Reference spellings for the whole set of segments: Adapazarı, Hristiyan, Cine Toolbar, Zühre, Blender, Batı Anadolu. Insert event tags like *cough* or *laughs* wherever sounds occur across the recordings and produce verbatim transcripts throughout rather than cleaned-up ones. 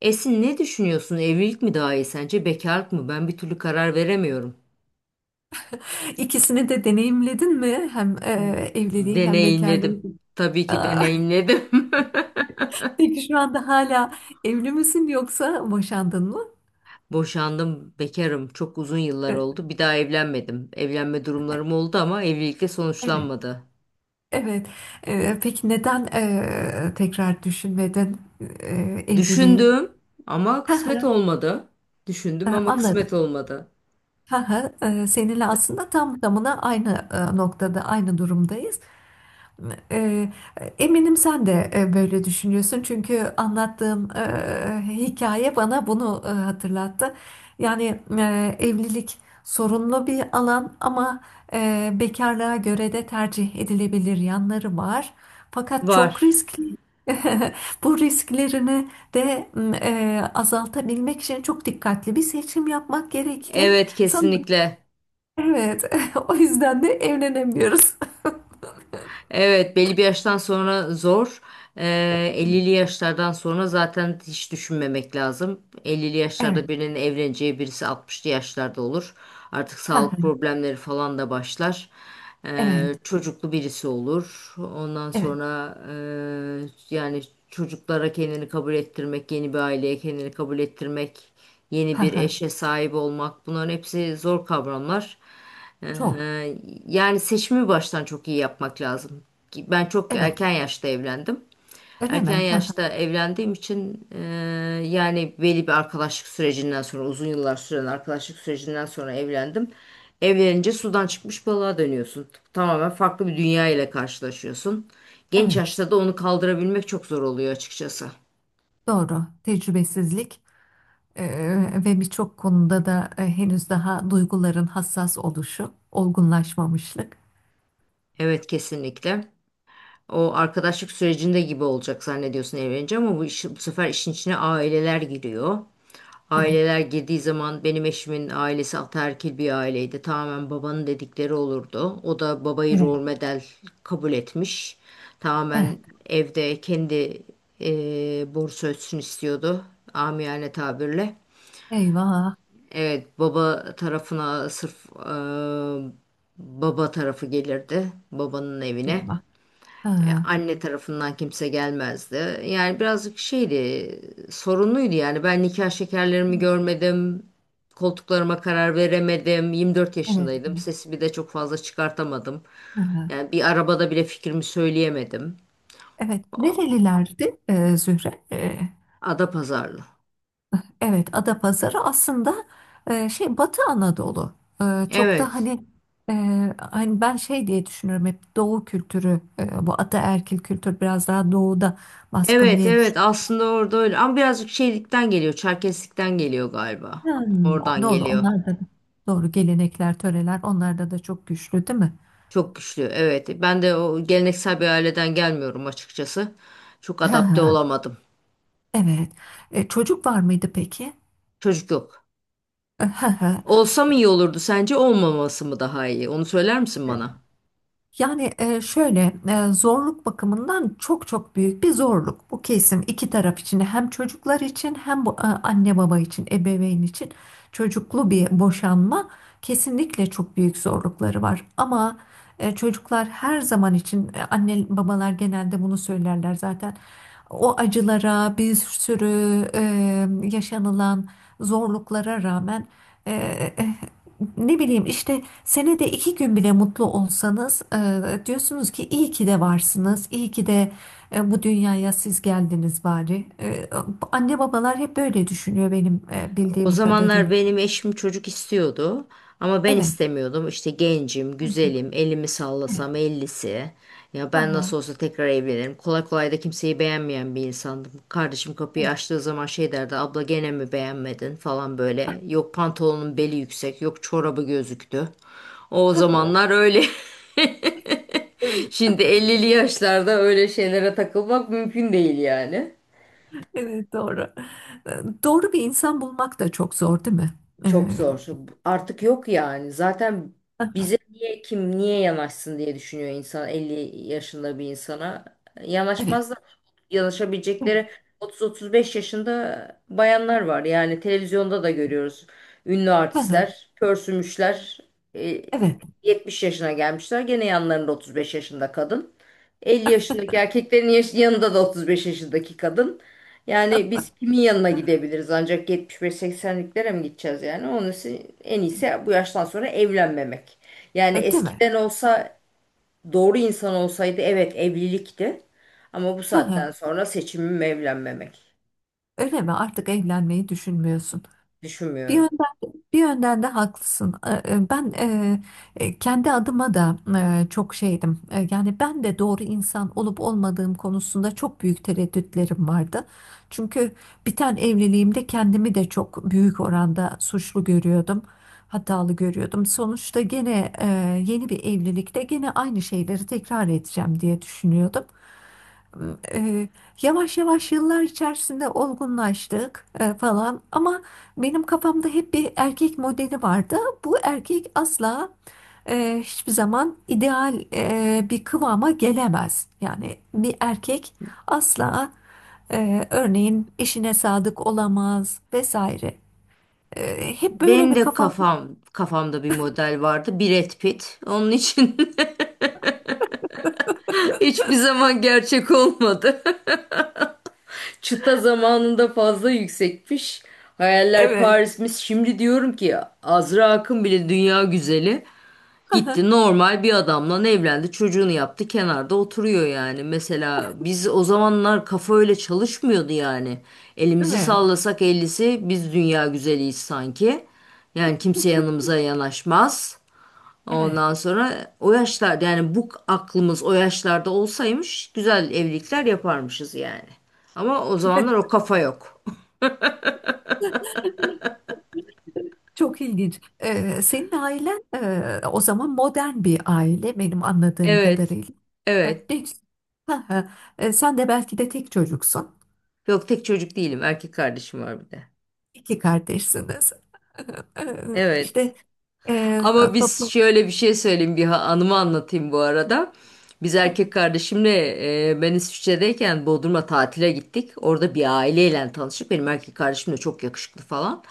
Esin ne düşünüyorsun? Evlilik mi daha iyi sence? Bekarlık mı? Ben bir türlü karar veremiyorum. İkisini de deneyimledin mi? Hem e, evliliği hem bekarlığı. Deneyimledim. Tabii ki Aa, deneyimledim. *laughs* Peki şu anda hala evli misin yoksa boşandın mı? *laughs* Boşandım, bekarım. Çok uzun yıllar E, oldu. Bir daha evlenmedim. Evlenme durumlarım oldu ama evlilikle Evet. sonuçlanmadı. Evet. E, peki neden e, tekrar düşünmedin e, evliliği? Düşündüm ama kısmet *laughs* olmadı. E, Düşündüm ama kısmet Anladım. olmadı. Ha ha, e, Seninle aslında tam tamına aynı e, noktada, aynı durumdayız. Eee, Eminim sen de e, böyle düşünüyorsun çünkü anlattığım e, hikaye bana bunu e, hatırlattı. Yani e, evlilik sorunlu bir alan ama e, bekarlığa göre de tercih edilebilir yanları var. Fakat çok Var. riskli. *laughs* Bu risklerini de m, e, azaltabilmek için çok dikkatli bir seçim yapmak gerekli. Evet, Sanırım kesinlikle. evet. *laughs* O yüzden de evlenemiyoruz. Evet, belli bir yaştan sonra zor. Ee, ellili *laughs* yaşlardan sonra zaten hiç düşünmemek lazım. ellili yaşlarda Evet. birinin evleneceği birisi altmışlı yaşlarda olur. Artık *laughs* sağlık Ha, problemleri falan da başlar. Ee, evet. çocuklu birisi olur. Ondan Evet. sonra e, yani çocuklara kendini kabul ettirmek, yeni bir aileye kendini kabul ettirmek, yeni Ha bir ha. eşe sahip olmak bunların hepsi zor kavramlar. Çok. Ee, yani seçimi baştan çok iyi yapmak lazım. Ki ben çok Evet. erken yaşta evlendim. Öyle mi? Erken Ha ha. yaşta evlendiğim için e, yani belli bir arkadaşlık sürecinden sonra uzun yıllar süren arkadaşlık sürecinden sonra evlendim. Evlenince sudan çıkmış balığa dönüyorsun. Tamamen farklı bir dünya ile karşılaşıyorsun. Genç Evet. yaşta da onu kaldırabilmek çok zor oluyor açıkçası. Doğru. Tecrübesizlik eee, ve birçok konuda da e, henüz daha duyguların hassas oluşu, olgunlaşmamışlık. Evet, kesinlikle. O arkadaşlık sürecinde gibi olacak zannediyorsun evlenince ama bu, iş, bu sefer işin içine aileler giriyor. Evet. Aileler girdiği zaman benim eşimin ailesi ataerkil bir aileydi. Tamamen babanın dedikleri olurdu. O da babayı Evet. rol model kabul etmiş. Tamamen Evet. evde kendi e, borusu ötsün istiyordu. Amiyane tabirle. Eyvah. Evet, baba tarafına sırf e, baba tarafı gelirdi babanın evine. Eyvah. Ha E, ha. Anne tarafından kimse gelmezdi. Yani birazcık şeydi, sorunluydu yani. Ben nikah şekerlerimi Evet. görmedim. Koltuklarıma karar veremedim. yirmi dört Evet. yaşındaydım. Evet. Sesimi de çok fazla çıkartamadım. Ha ha. Yani bir arabada bile fikrimi söyleyemedim. Evet. Nerelilerdi e, Zühre? Adapazarlı. Evet, Adapazarı aslında e, şey Batı Anadolu. E, çok da Evet. hani e, hani ben şey diye düşünüyorum hep Doğu kültürü, e, bu ataerkil kültür biraz daha doğuda baskın Evet, diye evet. düşünüyorum. Aslında orada öyle. Ama birazcık şeylikten geliyor. Çerkeslikten geliyor galiba. Hmm, o- Oradan doğru geliyor. onlar da doğru, gelenekler, töreler onlarda da çok güçlü değil mi? Çok güçlü. Evet. Ben de o geleneksel bir aileden gelmiyorum açıkçası. Çok Hı adapte hı, olamadım. evet. E, çocuk var mıydı peki? Çocuk yok. *laughs* Hı hı. Olsa mı iyi olurdu sence, olmaması mı daha iyi? Onu söyler misin bana? Yani e, şöyle e, zorluk bakımından çok çok büyük bir zorluk. Bu kesim iki taraf için, hem çocuklar için hem bu, e, anne baba için, ebeveyn için, çocuklu bir boşanma kesinlikle çok büyük zorlukları var. Ama e, çocuklar her zaman için, e, anne babalar genelde bunu söylerler zaten. O acılara, bir sürü e, yaşanılan zorluklara rağmen e, e, ne bileyim işte senede iki gün bile mutlu olsanız e, diyorsunuz ki iyi ki de varsınız, iyi ki de e, bu dünyaya siz geldiniz bari. E, anne babalar hep böyle düşünüyor benim e, O bildiğim zamanlar kadarıyla. benim eşim çocuk istiyordu ama ben Evet. istemiyordum. İşte gencim, güzelim, elimi Evet. sallasam ellisi. Ya ben nasıl Aha. olsa tekrar evlenirim. Kolay kolay da kimseyi beğenmeyen bir insandım. Kardeşim kapıyı Evet. açtığı zaman şey derdi, abla gene mi beğenmedin falan böyle. Yok pantolonun beli yüksek, yok çorabı gözüktü. O *laughs* zamanlar öyle. *laughs* Evet, Şimdi ellili yaşlarda öyle şeylere takılmak mümkün değil yani. evet, doğru. E, Doğru bir insan bulmak da çok zor değil mi? E, Çok zor. Artık yok yani. Zaten aha, bize niye, kim niye yanaşsın diye düşünüyor insan, elli yaşında bir insana. evet. Yanaşmazlar. Evet. Yanaşabilecekleri otuz otuz beş yaşında bayanlar var. Yani televizyonda da görüyoruz. Ünlü Aha, artistler, pörsümüşler, e, evet. yetmiş yaşına gelmişler. Gene yanlarında otuz beş yaşında kadın. elli yaşındaki erkeklerin yaş- yanında da otuz beş yaşındaki kadın. Yani biz kimin yanına gidebiliriz, ancak yetmiş beş seksenliklere mi gideceğiz yani? Onun için en iyisi bu yaştan sonra evlenmemek. Yani E, Değil mi? eskiden olsa doğru insan olsaydı evet evlilikti. Ama bu Aha, saatten sonra seçimim evlenmemek. öyle mi? Artık evlenmeyi düşünmüyorsun. Bir Düşünmüyorum. yönden, bir yönden de haklısın. Ee, e, Ben e, e, kendi adıma da e, çok şeydim. E, Yani ben de doğru insan olup olmadığım konusunda çok büyük tereddütlerim vardı. Çünkü biten evliliğimde kendimi de çok büyük oranda suçlu görüyordum. Hatalı görüyordum. Sonuçta gene e, yeni bir evlilikte gene aynı şeyleri tekrar edeceğim diye düşünüyordum, e, yavaş yavaş yıllar içerisinde olgunlaştık e, falan, ama benim kafamda hep bir erkek modeli vardı. Bu erkek asla e, hiçbir zaman ideal e, bir kıvama gelemez. Yani bir erkek asla e, örneğin eşine sadık olamaz vesaire. E, hep böyle Benim bir de kafam. kafam, kafamda bir model vardı. Brad Pitt. Onun için *laughs* hiçbir zaman gerçek olmadı. Çıta zamanında fazla yüksekmiş. Hayaller Evet. Paris'miş. Şimdi diyorum ki Azra Akın bile dünya güzeli. Gitti *laughs* normal bir adamla evlendi. Çocuğunu yaptı. Kenarda oturuyor yani. Mesela biz o zamanlar kafa öyle çalışmıyordu yani. Değil Elimizi mi? sallasak ellisi biz dünya güzeliyiz sanki. Yani kimse yanımıza yanaşmaz. Evet. Ondan sonra o yaşlarda, yani bu aklımız o yaşlarda olsaymış güzel evlilikler yaparmışız yani. Ama o *laughs* zamanlar o kafa yok. *laughs* Çok ilginç. Ee, senin ailen e, o zaman modern bir aile benim anladığım Evet. kadarıyla. Ya, Evet. ne, ha, ha. E, sen de belki de tek çocuksun. Yok, tek çocuk değilim. Erkek kardeşim var bir de. İki kardeşsiniz. *laughs* Ee, Evet. İşte e, Ama biz, toplum... şöyle bir şey söyleyeyim, bir ha- anımı anlatayım bu arada. Biz Ha, erkek kardeşimle e, ben İsviçre'deyken Bodrum'a tatile gittik. Orada bir aileyle tanıştık. Benim erkek kardeşim de çok yakışıklı falan.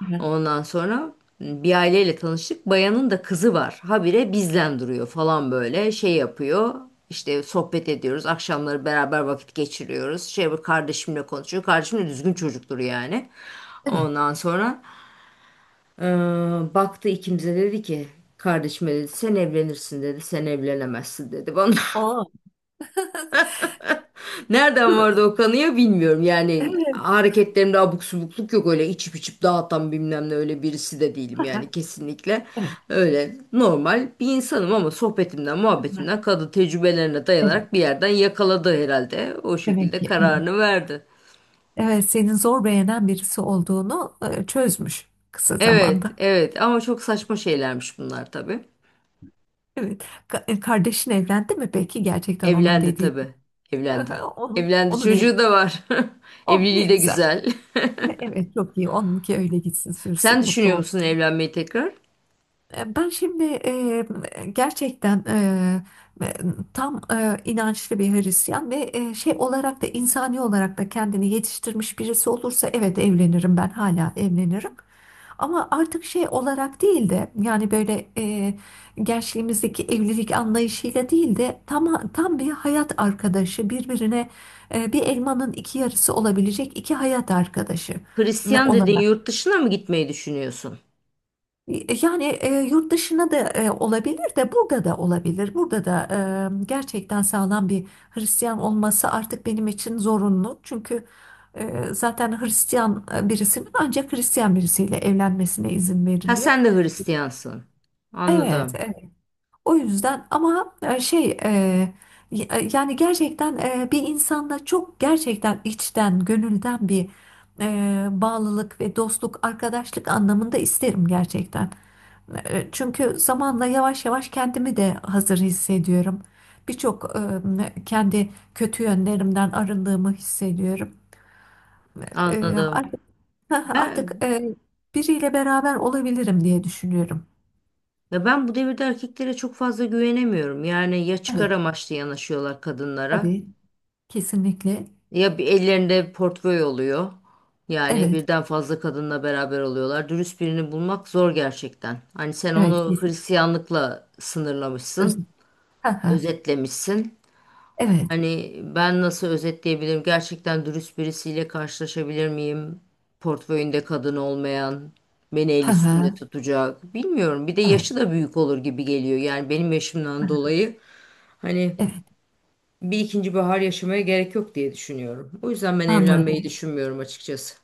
ha. Ondan sonra bir aileyle tanıştık. Bayanın da kızı var. Habire bizden duruyor falan böyle şey yapıyor. İşte sohbet ediyoruz. Akşamları beraber vakit geçiriyoruz. Şey, bu kardeşimle konuşuyor. Kardeşim de düzgün çocuktur yani. Değil mi? Ondan sonra eee, baktı ikimize dedi ki, kardeşime dedi sen evlenirsin dedi. Sen evlenemezsin dedi bana. Oo. *laughs* Nereden vardı o kanıya bilmiyorum. Yani Evet. hareketlerimde abuk subukluk yok, öyle içip içip dağıtan bilmem ne öyle birisi de değilim Ha, yani ha. kesinlikle. Evet. Öyle normal bir insanım ama sohbetimden muhabbetimden kadın tecrübelerine Evet. dayanarak bir yerden yakaladı herhalde. O Demek şekilde ki evet. kararını verdi. Evet, senin zor beğenen birisi olduğunu e, çözmüş kısa Evet, zamanda. evet, ama çok saçma şeylermiş bunlar tabii. Evet. Ka- e, Kardeşin evlendi mi peki gerçekten onun Evlendi dediği? tabii, *laughs* evlendi. Onun, Evlendi, onun evi. çocuğu da var. *laughs* Oh ne Evliliği de güzel. güzel. *laughs* Evet çok iyi. Onunki öyle gitsin *laughs* sürsün Sen mutlu düşünüyor musun olsun. evlenmeyi tekrar? E, Ben şimdi e, gerçekten e, e, tam e, inançlı bir Hristiyan ve e, şey olarak da, insani olarak da kendini yetiştirmiş birisi olursa evet evlenirim, ben hala evlenirim. Ama artık şey olarak değil de, yani böyle e, gençliğimizdeki evlilik anlayışıyla değil de tam, tam bir hayat arkadaşı, birbirine e, bir elmanın iki yarısı olabilecek iki hayat arkadaşı Hristiyan dedin, olarak. yurt dışına mı gitmeyi düşünüyorsun? Yani e, yurt dışına da e, olabilir, de burada da olabilir. Burada da e, gerçekten sağlam bir Hristiyan olması artık benim için zorunlu. Çünkü e, zaten Hristiyan e, birisinin ancak Hristiyan birisiyle evlenmesine izin Ha, veriliyor. sen de Hristiyansın. Evet, Anladım. evet. O yüzden ama e, şey e, y- e, yani gerçekten e, bir insanda çok gerçekten içten, gönülden bir e, bağlılık ve dostluk, arkadaşlık anlamında isterim gerçekten. E, Çünkü zamanla yavaş yavaş kendimi de hazır hissediyorum. Birçok e, kendi kötü yönlerimden arındığımı hissediyorum. E, Anladım. Artık, *laughs* artık Ben e, biriyle beraber olabilirim diye düşünüyorum. ya ben bu devirde erkeklere çok fazla güvenemiyorum. Yani ya çıkar Evet, amaçlı yanaşıyorlar kadınlara, tabii. Kesinlikle. ya bir ellerinde portföy oluyor. Yani Evet, birden fazla kadınla beraber oluyorlar. Dürüst birini bulmak zor gerçekten. Hani sen evet, onu kesin. Hristiyanlıkla Öz- sınırlamışsın, özetlemişsin. *laughs* evet, Hani ben nasıl özetleyebilirim? Gerçekten dürüst birisiyle karşılaşabilir miyim? Portföyünde kadın olmayan, beni el üstünde tutacak. Bilmiyorum. Bir de *laughs* evet. yaşı da büyük olur gibi geliyor. Yani benim yaşımdan dolayı hani Evet, bir ikinci bahar yaşamaya gerek yok diye düşünüyorum. O yüzden ben evlenmeyi anladım. düşünmüyorum açıkçası.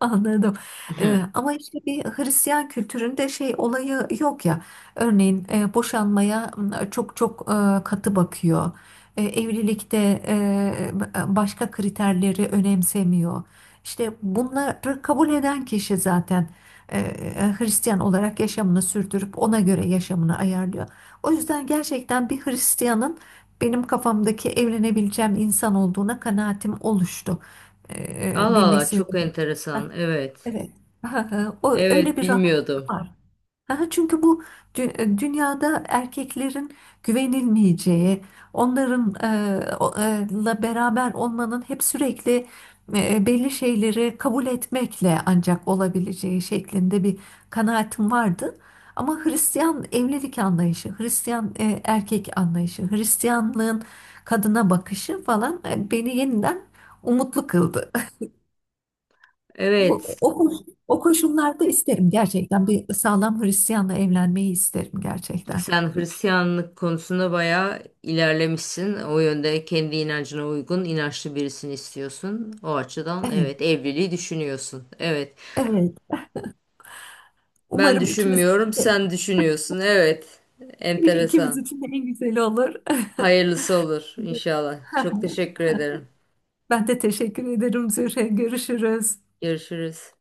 Anladım. Ee, ama işte bir Hristiyan kültüründe şey olayı yok ya. Örneğin e, boşanmaya m, çok çok e, katı bakıyor. E, evlilikte e, başka kriterleri önemsemiyor. İşte bunları kabul eden kişi zaten e, e, Hristiyan olarak yaşamını sürdürüp ona göre yaşamını ayarlıyor. O yüzden gerçekten bir Hristiyanın benim kafamdaki evlenebileceğim insan olduğuna kanaatim oluştu. Ee, Allah bir Allah, Mesih. çok enteresan. Evet. Evet. Ha, ha, o öyle Evet, bir rahatlık bilmiyordum. var. Ha, ha, çünkü bu dü- e, dünyada erkeklerin güvenilmeyeceği, onların e, o- e, la beraber olmanın hep sürekli e, belli şeyleri kabul etmekle ancak olabileceği şeklinde bir kanaatim vardı. Ama Hristiyan evlilik anlayışı, Hristiyan e, erkek anlayışı, Hristiyanlığın kadına bakışı falan e, beni yeniden umutlu kıldı. Evet. Bu, o, koş- o koşullarda isterim gerçekten. Bir sağlam Hristiyanla evlenmeyi isterim gerçekten. Sen Hristiyanlık konusunda bayağı ilerlemişsin. O yönde kendi inancına uygun, inançlı birisini istiyorsun. O açıdan Evet, evet, evliliği düşünüyorsun. Evet. evet. Ben Umarım ikimiz düşünmüyorum, için de, sen düşünüyorsun. Evet. ikimiz Enteresan. için de en güzeli olur. *laughs* Hayırlısı olur inşallah. Çok teşekkür ederim. Ben de teşekkür ederim Zühre. Görüşürüz. Görüşürüz.